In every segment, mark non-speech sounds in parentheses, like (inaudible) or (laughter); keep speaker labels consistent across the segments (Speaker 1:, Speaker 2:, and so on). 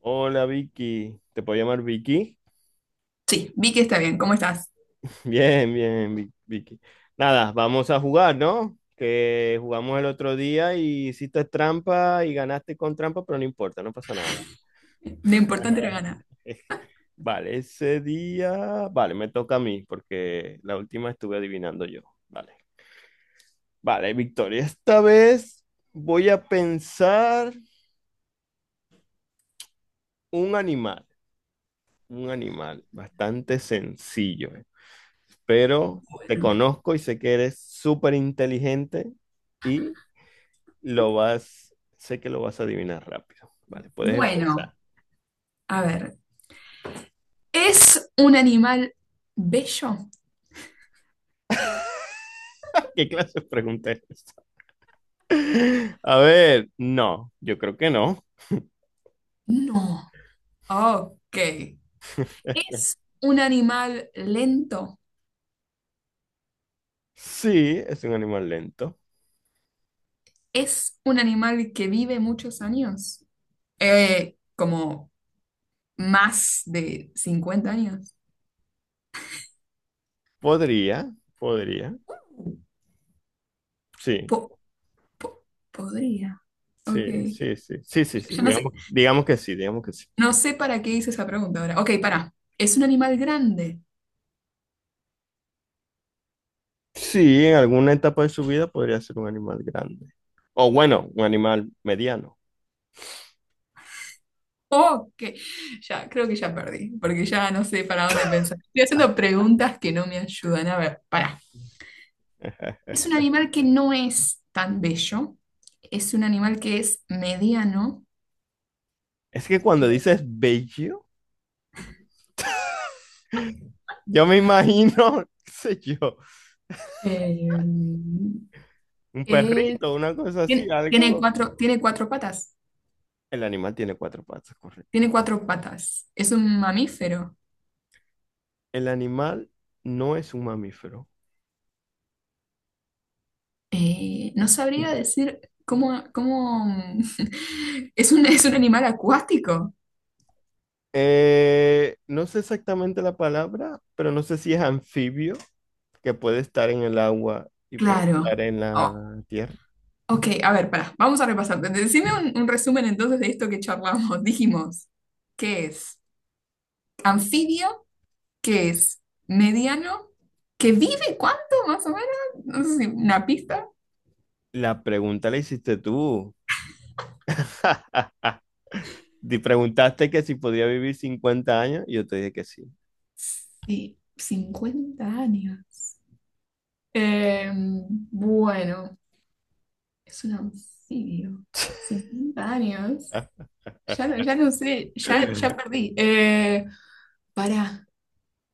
Speaker 1: Hola Vicky, ¿te puedo llamar Vicky?
Speaker 2: Sí, vi que está bien. ¿Cómo estás?
Speaker 1: (laughs) Bien, bien, Vicky. Nada, vamos a jugar, ¿no? Que jugamos el otro día y hiciste trampa y ganaste con trampa, pero no importa, no pasa nada.
Speaker 2: Lo importante era ganar.
Speaker 1: (laughs) Vale, ese día, vale, me toca a mí porque la última estuve adivinando yo. Vale, vale, Victoria, esta vez voy a pensar un animal, un animal bastante sencillo. Pero te
Speaker 2: Bueno.
Speaker 1: conozco y sé que eres súper inteligente y lo sé que lo vas a adivinar rápido. Vale, puedes
Speaker 2: Bueno,
Speaker 1: empezar.
Speaker 2: a ver. ¿Es un animal bello?
Speaker 1: (laughs) ¿Qué clase de pregunta es esta? A ver, no, yo creo que no.
Speaker 2: No. Ok.
Speaker 1: (laughs)
Speaker 2: ¿Es un animal lento?
Speaker 1: Sí, es un animal lento.
Speaker 2: ¿Es un animal que vive muchos años? Como más de 50 años.
Speaker 1: Podría, podría.
Speaker 2: Uh,
Speaker 1: Sí,
Speaker 2: Po- po- podría.
Speaker 1: sí,
Speaker 2: Ok.
Speaker 1: sí,
Speaker 2: Ya
Speaker 1: sí, sí, sí, sí,
Speaker 2: ya no sé.
Speaker 1: digamos, digamos que sí, digamos que sí.
Speaker 2: No sé para qué hice esa pregunta ahora. Ok, para. ¿Es un animal grande?
Speaker 1: Sí, en alguna etapa de su vida podría ser un animal grande. O bueno, un animal mediano.
Speaker 2: Ok, ya creo que ya perdí, porque ya no sé para dónde pensar. Estoy haciendo preguntas que no me ayudan. A ver, pará.
Speaker 1: (laughs)
Speaker 2: Es un animal que no es tan bello, es un animal que es mediano,
Speaker 1: Es que cuando dices bello, yo me imagino, (laughs) qué sé yo,
Speaker 2: eh,
Speaker 1: un
Speaker 2: que
Speaker 1: perrito, una cosa así,
Speaker 2: tiene, tiene
Speaker 1: algo.
Speaker 2: cuatro, tiene cuatro patas,
Speaker 1: El animal tiene cuatro patas, correcto.
Speaker 2: tiene cuatro patas, es un mamífero.
Speaker 1: El animal no es un mamífero.
Speaker 2: No sabría decir cómo. (laughs) ¿Es un animal acuático?
Speaker 1: No sé exactamente la palabra, pero no sé si es anfibio, que puede estar en el agua y puede
Speaker 2: Claro.
Speaker 1: estar en
Speaker 2: Oh,
Speaker 1: la tierra.
Speaker 2: ok, a ver, pará, vamos a repasar. Decime un resumen entonces de esto que charlamos. (laughs) Dijimos, ¿qué es anfibio? ¿Qué es mediano? ¿Que vive cuánto más o menos? No sé si una pista.
Speaker 1: La pregunta la hiciste tú. (laughs) Te preguntaste que si podía vivir 50 años y yo te dije que sí.
Speaker 2: Sí, 50 años. Eh, bueno, es un anfibio. 50 años. Ya, ya no sé, ya, ya
Speaker 1: (laughs)
Speaker 2: perdí. Pará,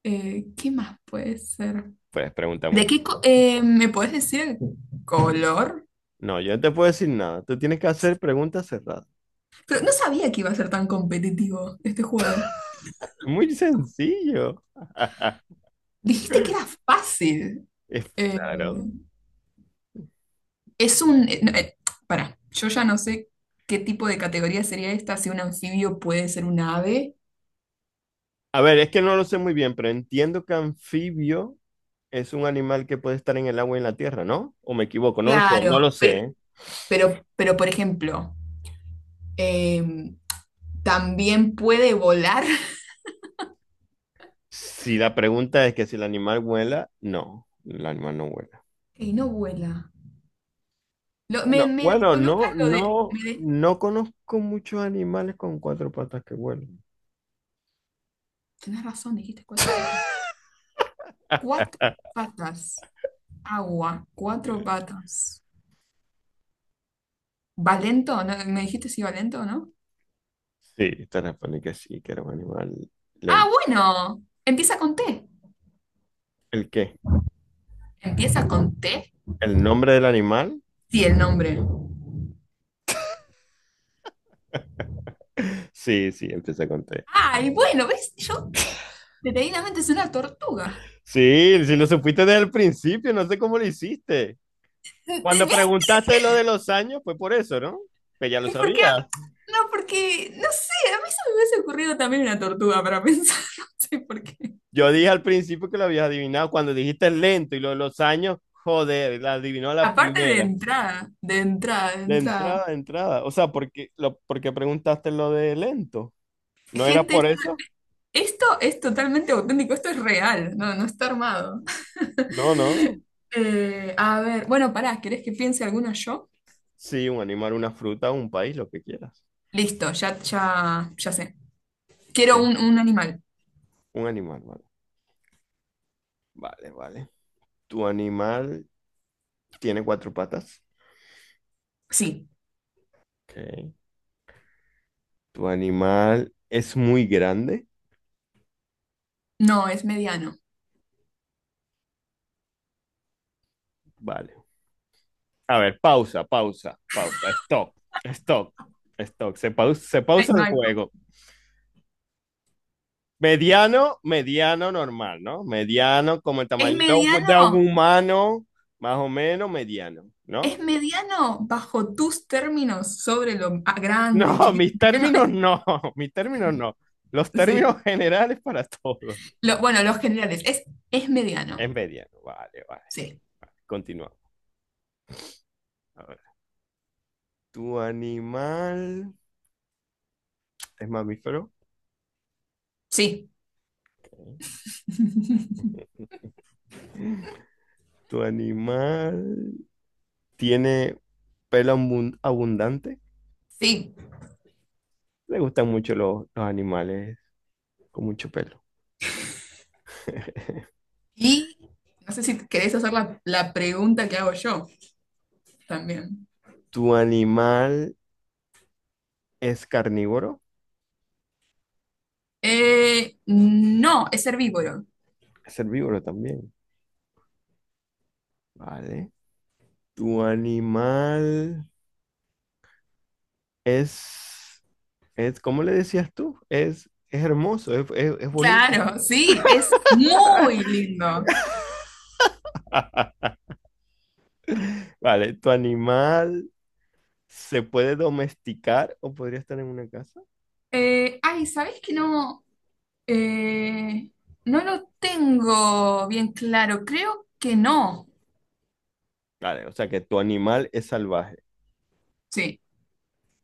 Speaker 2: ¿qué más puede ser?
Speaker 1: Puedes preguntar
Speaker 2: ¿De
Speaker 1: muchas
Speaker 2: qué co-
Speaker 1: cosas.
Speaker 2: eh, me puedes decir color?
Speaker 1: No, yo no te puedo decir nada. Tú tienes que hacer preguntas cerradas.
Speaker 2: Pero no sabía que iba a ser tan competitivo este juego.
Speaker 1: Muy sencillo. (laughs)
Speaker 2: Dijiste que era fácil.
Speaker 1: Es
Speaker 2: Eh,
Speaker 1: claro.
Speaker 2: es un. No. Pará, yo ya no sé qué tipo de categoría sería esta, si un anfibio puede ser un ave.
Speaker 1: A ver, es que no lo sé muy bien, pero entiendo que anfibio es un animal que puede estar en el agua y en la tierra, ¿no? ¿O me equivoco? No lo sé, no lo
Speaker 2: Claro,
Speaker 1: sé.
Speaker 2: pero,
Speaker 1: ¿Eh?
Speaker 2: pero, pero por ejemplo, eh, también puede volar. (laughs)
Speaker 1: Si la pregunta es que si el animal vuela, no, el animal no vuela.
Speaker 2: Y no vuela. Lo- me,
Speaker 1: Bueno,
Speaker 2: me
Speaker 1: bueno,
Speaker 2: descoloca
Speaker 1: no,
Speaker 2: lo de.
Speaker 1: no,
Speaker 2: Me de-
Speaker 1: no conozco muchos animales con cuatro patas que vuelan.
Speaker 2: tenés razón, dijiste cuatro patas. Cuatro patas. Agua, cuatro patas. ¿Valento? ¿No? ¿Me dijiste si Valento o no?
Speaker 1: (laughs) Sí, te respondí que sí, que era un animal
Speaker 2: Ah,
Speaker 1: lento.
Speaker 2: bueno. Empieza con T.
Speaker 1: ¿El qué?
Speaker 2: ¿Empieza con T?
Speaker 1: ¿El nombre del animal?
Speaker 2: Sí, el nombre.
Speaker 1: Sí, sí, empieza con T.
Speaker 2: Ay, bueno, ¿ves? Yo detenidamente es una tortuga.
Speaker 1: Sí, sí lo supiste desde el principio, no sé cómo lo hiciste. Cuando
Speaker 2: ¿Ves?
Speaker 1: preguntaste lo de los años, fue por eso, ¿no? Que ya lo
Speaker 2: ¿Y por qué?
Speaker 1: sabías.
Speaker 2: No, porque, no sé, a mí se me hubiese ocurrido también una tortuga para pensar, (laughs) no sé por qué.
Speaker 1: Yo dije al principio que lo habías adivinado. Cuando dijiste lento y lo de los años, joder, la adivinó a la
Speaker 2: Aparte de
Speaker 1: primera.
Speaker 2: entrada, de entrada, de
Speaker 1: De
Speaker 2: entrada.
Speaker 1: entrada, de entrada. O sea, ¿porque preguntaste lo de lento? ¿No era por
Speaker 2: Gente,
Speaker 1: eso?
Speaker 2: esto es totalmente auténtico, esto es real, no, no está armado.
Speaker 1: No,
Speaker 2: (laughs)
Speaker 1: no.
Speaker 2: A ver, bueno, pará, ¿querés que piense alguna yo?
Speaker 1: Sí, un animal, una fruta, un país, lo que quieras.
Speaker 2: Listo, ya, ya, ya sé. Quiero
Speaker 1: ¿Qué?
Speaker 2: un animal.
Speaker 1: Un animal, vale. Vale, vale. Tu animal tiene cuatro patas.
Speaker 2: Sí,
Speaker 1: Ok. ¿Tu animal es muy grande?
Speaker 2: no, es mediano.
Speaker 1: Vale. A ver, pausa, pausa, pausa. Stop, stop, stop. Se
Speaker 2: Ay,
Speaker 1: pausa
Speaker 2: no
Speaker 1: el
Speaker 2: hay-
Speaker 1: juego. Mediano, mediano normal, ¿no? Mediano como el
Speaker 2: Es
Speaker 1: tamaño de un
Speaker 2: mediano,
Speaker 1: humano, más o menos mediano,
Speaker 2: es
Speaker 1: ¿no? (laughs)
Speaker 2: mediano bajo tus términos sobre lo grande,
Speaker 1: No,
Speaker 2: chiquito,
Speaker 1: mis
Speaker 2: mediano.
Speaker 1: términos no, (laughs) mis términos no. Los
Speaker 2: Sí.
Speaker 1: términos generales para todos.
Speaker 2: Bueno, los generales, es mediano.
Speaker 1: Es mediano, vale, vale,
Speaker 2: Sí,
Speaker 1: vale. Continuamos. A ver. ¿Tu animal es mamífero?
Speaker 2: sí,
Speaker 1: Ok.
Speaker 2: (laughs)
Speaker 1: ¿Tu animal tiene pelo abundante?
Speaker 2: sí.
Speaker 1: Le gustan mucho los animales con mucho pelo. (laughs)
Speaker 2: Y no sé si querés hacer la pregunta que hago yo. También.
Speaker 1: ¿Tu animal es carnívoro?
Speaker 2: No, es herbívoro.
Speaker 1: Es herbívoro también. Vale. ¿Tu animal es, cómo le decías tú? Es hermoso, es bonito.
Speaker 2: Claro, sí, es muy
Speaker 1: (laughs)
Speaker 2: lindo.
Speaker 1: Vale. ¿Tu animal se puede domesticar o podría estar en una casa?
Speaker 2: Ay, ¿sabés que no? Eh, no lo tengo bien claro. Creo que no.
Speaker 1: Vale, o sea que tu animal es salvaje.
Speaker 2: Sí,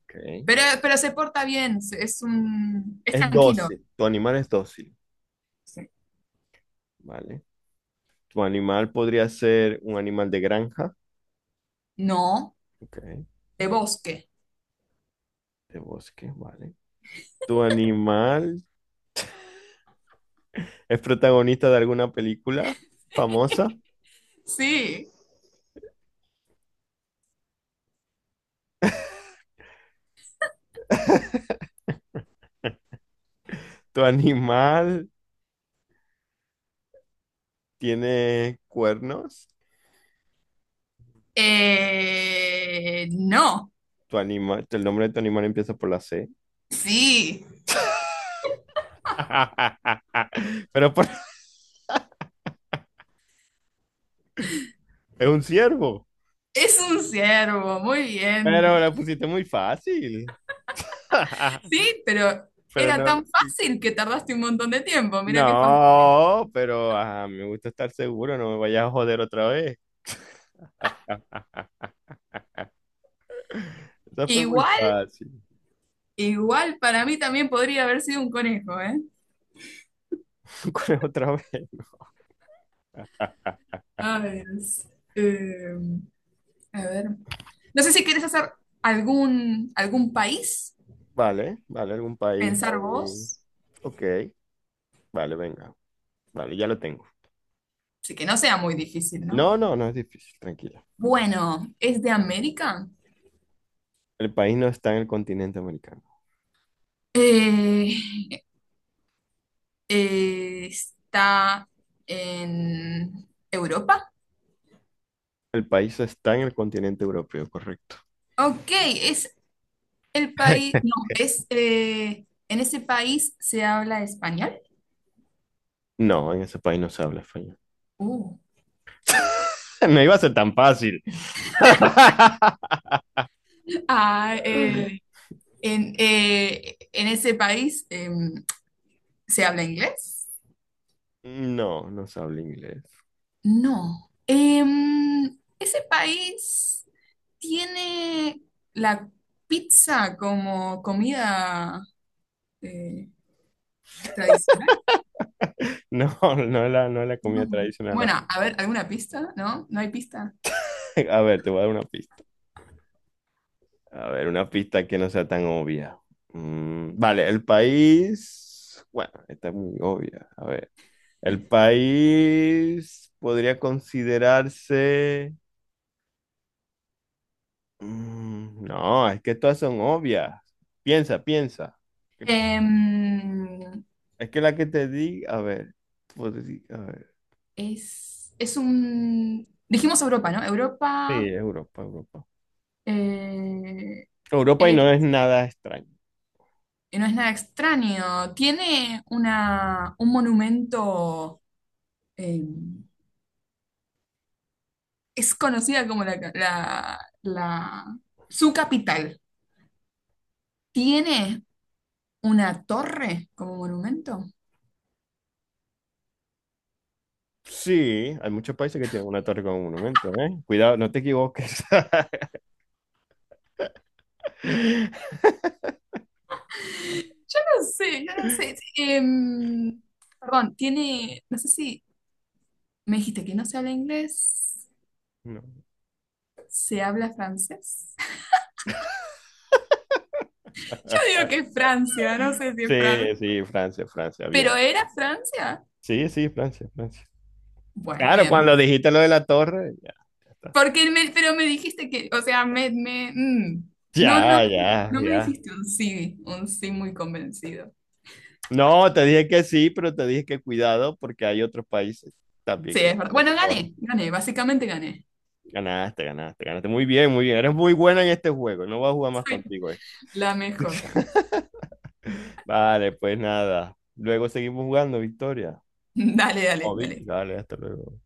Speaker 1: Ok.
Speaker 2: pero se porta bien, es
Speaker 1: Es
Speaker 2: tranquilo.
Speaker 1: dócil, tu animal es dócil,
Speaker 2: Sí.
Speaker 1: ¿vale? Tu animal podría ser un animal de granja,
Speaker 2: No,
Speaker 1: ok,
Speaker 2: de bosque.
Speaker 1: de bosque, ¿vale? Tu animal es protagonista de alguna película famosa.
Speaker 2: Sí.
Speaker 1: (laughs) Tu animal tiene cuernos.
Speaker 2: No,
Speaker 1: Tu animal, el nombre de tu animal empieza por la C.
Speaker 2: sí,
Speaker 1: (laughs) Pero por- es un ciervo.
Speaker 2: es un ciervo, muy
Speaker 1: Pero
Speaker 2: bien.
Speaker 1: la pusiste muy fácil. (laughs)
Speaker 2: Sí, pero
Speaker 1: Pero
Speaker 2: era tan
Speaker 1: no.
Speaker 2: fácil que tardaste un montón de tiempo. Mira qué fácil.
Speaker 1: No, pero ajá, me gusta estar seguro, no me vayas a joder otra vez. (laughs) Esa fue muy
Speaker 2: Igual,
Speaker 1: fácil.
Speaker 2: igual para mí también podría haber sido un conejo, ¿eh?
Speaker 1: (laughs) ¿Cuál es otra vez? (laughs)
Speaker 2: A ver, eh, a ver. No sé si quieres hacer algún país,
Speaker 1: Vale, vale, algún país
Speaker 2: pensar
Speaker 1: ahí.
Speaker 2: vos.
Speaker 1: Ok, vale, venga. Vale, ya lo tengo.
Speaker 2: Así que no sea muy difícil, ¿no?
Speaker 1: No, no, no es difícil, tranquila.
Speaker 2: Bueno, ¿es de América?
Speaker 1: El país no está en el continente americano.
Speaker 2: Eh, ¿Está en Europa?
Speaker 1: El país está en el continente europeo, correcto.
Speaker 2: Ok, ¿es
Speaker 1: (laughs)
Speaker 2: No. En ese país se habla español.
Speaker 1: No, en ese país no se habla español.
Speaker 2: Uh.
Speaker 1: (laughs) No iba a ser tan fácil. (laughs)
Speaker 2: Ah, eh, en ese país se habla inglés.
Speaker 1: No, no se habla inglés. (laughs)
Speaker 2: No. Ese país tiene la pizza como comida eh, tradicional.
Speaker 1: No, no es la comida
Speaker 2: No.
Speaker 1: tradicional.
Speaker 2: Bueno, a ver, ¿alguna pista? ¿No? ¿No hay pista?
Speaker 1: (laughs) A ver, te voy a dar una pista. A ver, una pista que no sea tan obvia. Vale, el país. Bueno, esta es muy obvia. A ver, el país podría considerarse. No, es que todas son obvias. Piensa, piensa.
Speaker 2: Em,
Speaker 1: Es que la que te di, a ver, a ver.
Speaker 2: es un. Dijimos Europa, ¿no?
Speaker 1: Sí,
Speaker 2: Europa
Speaker 1: Europa, Europa.
Speaker 2: eh,
Speaker 1: Europa y no
Speaker 2: es-
Speaker 1: es nada extraño.
Speaker 2: no es nada extraño. Tiene un monumento, eh, es conocida como su capital. Tiene una torre como monumento.
Speaker 1: Sí, hay muchos países que tienen una torre como monumento, ¿eh? Cuidado, no te equivoques. (laughs)
Speaker 2: Yo no sé, yo no sé. Perdón, no sé si me dijiste que no se habla inglés,
Speaker 1: No.
Speaker 2: se habla francés. Yo digo que es Francia, no sé si es Francia.
Speaker 1: Sí, sí, Francia, Francia,
Speaker 2: ¿Pero
Speaker 1: bien.
Speaker 2: era Francia?
Speaker 1: Sí, sí, Francia, Francia.
Speaker 2: Bueno,
Speaker 1: Claro,
Speaker 2: bien.
Speaker 1: cuando dijiste lo de la torre, ya, ya está.
Speaker 2: Pero me dijiste que, o sea, me. No, no,
Speaker 1: Ya, ya,
Speaker 2: no me
Speaker 1: ya.
Speaker 2: dijiste un sí muy convencido.
Speaker 1: No, te dije que sí, pero te dije que cuidado porque hay otros países también
Speaker 2: Sí,
Speaker 1: que
Speaker 2: es verdad.
Speaker 1: tienen
Speaker 2: Bueno,
Speaker 1: torre.
Speaker 2: gané, gané, básicamente gané.
Speaker 1: Ganaste, ganaste, ganaste. Muy bien, muy bien. Eres muy buena en este juego. No voy a jugar más
Speaker 2: Soy
Speaker 1: contigo esto.
Speaker 2: la mejor.
Speaker 1: Vale, pues nada. Luego seguimos jugando, Victoria.
Speaker 2: (laughs) Dale, dale,
Speaker 1: Oh, Vicky,
Speaker 2: dale.
Speaker 1: vale, hasta luego.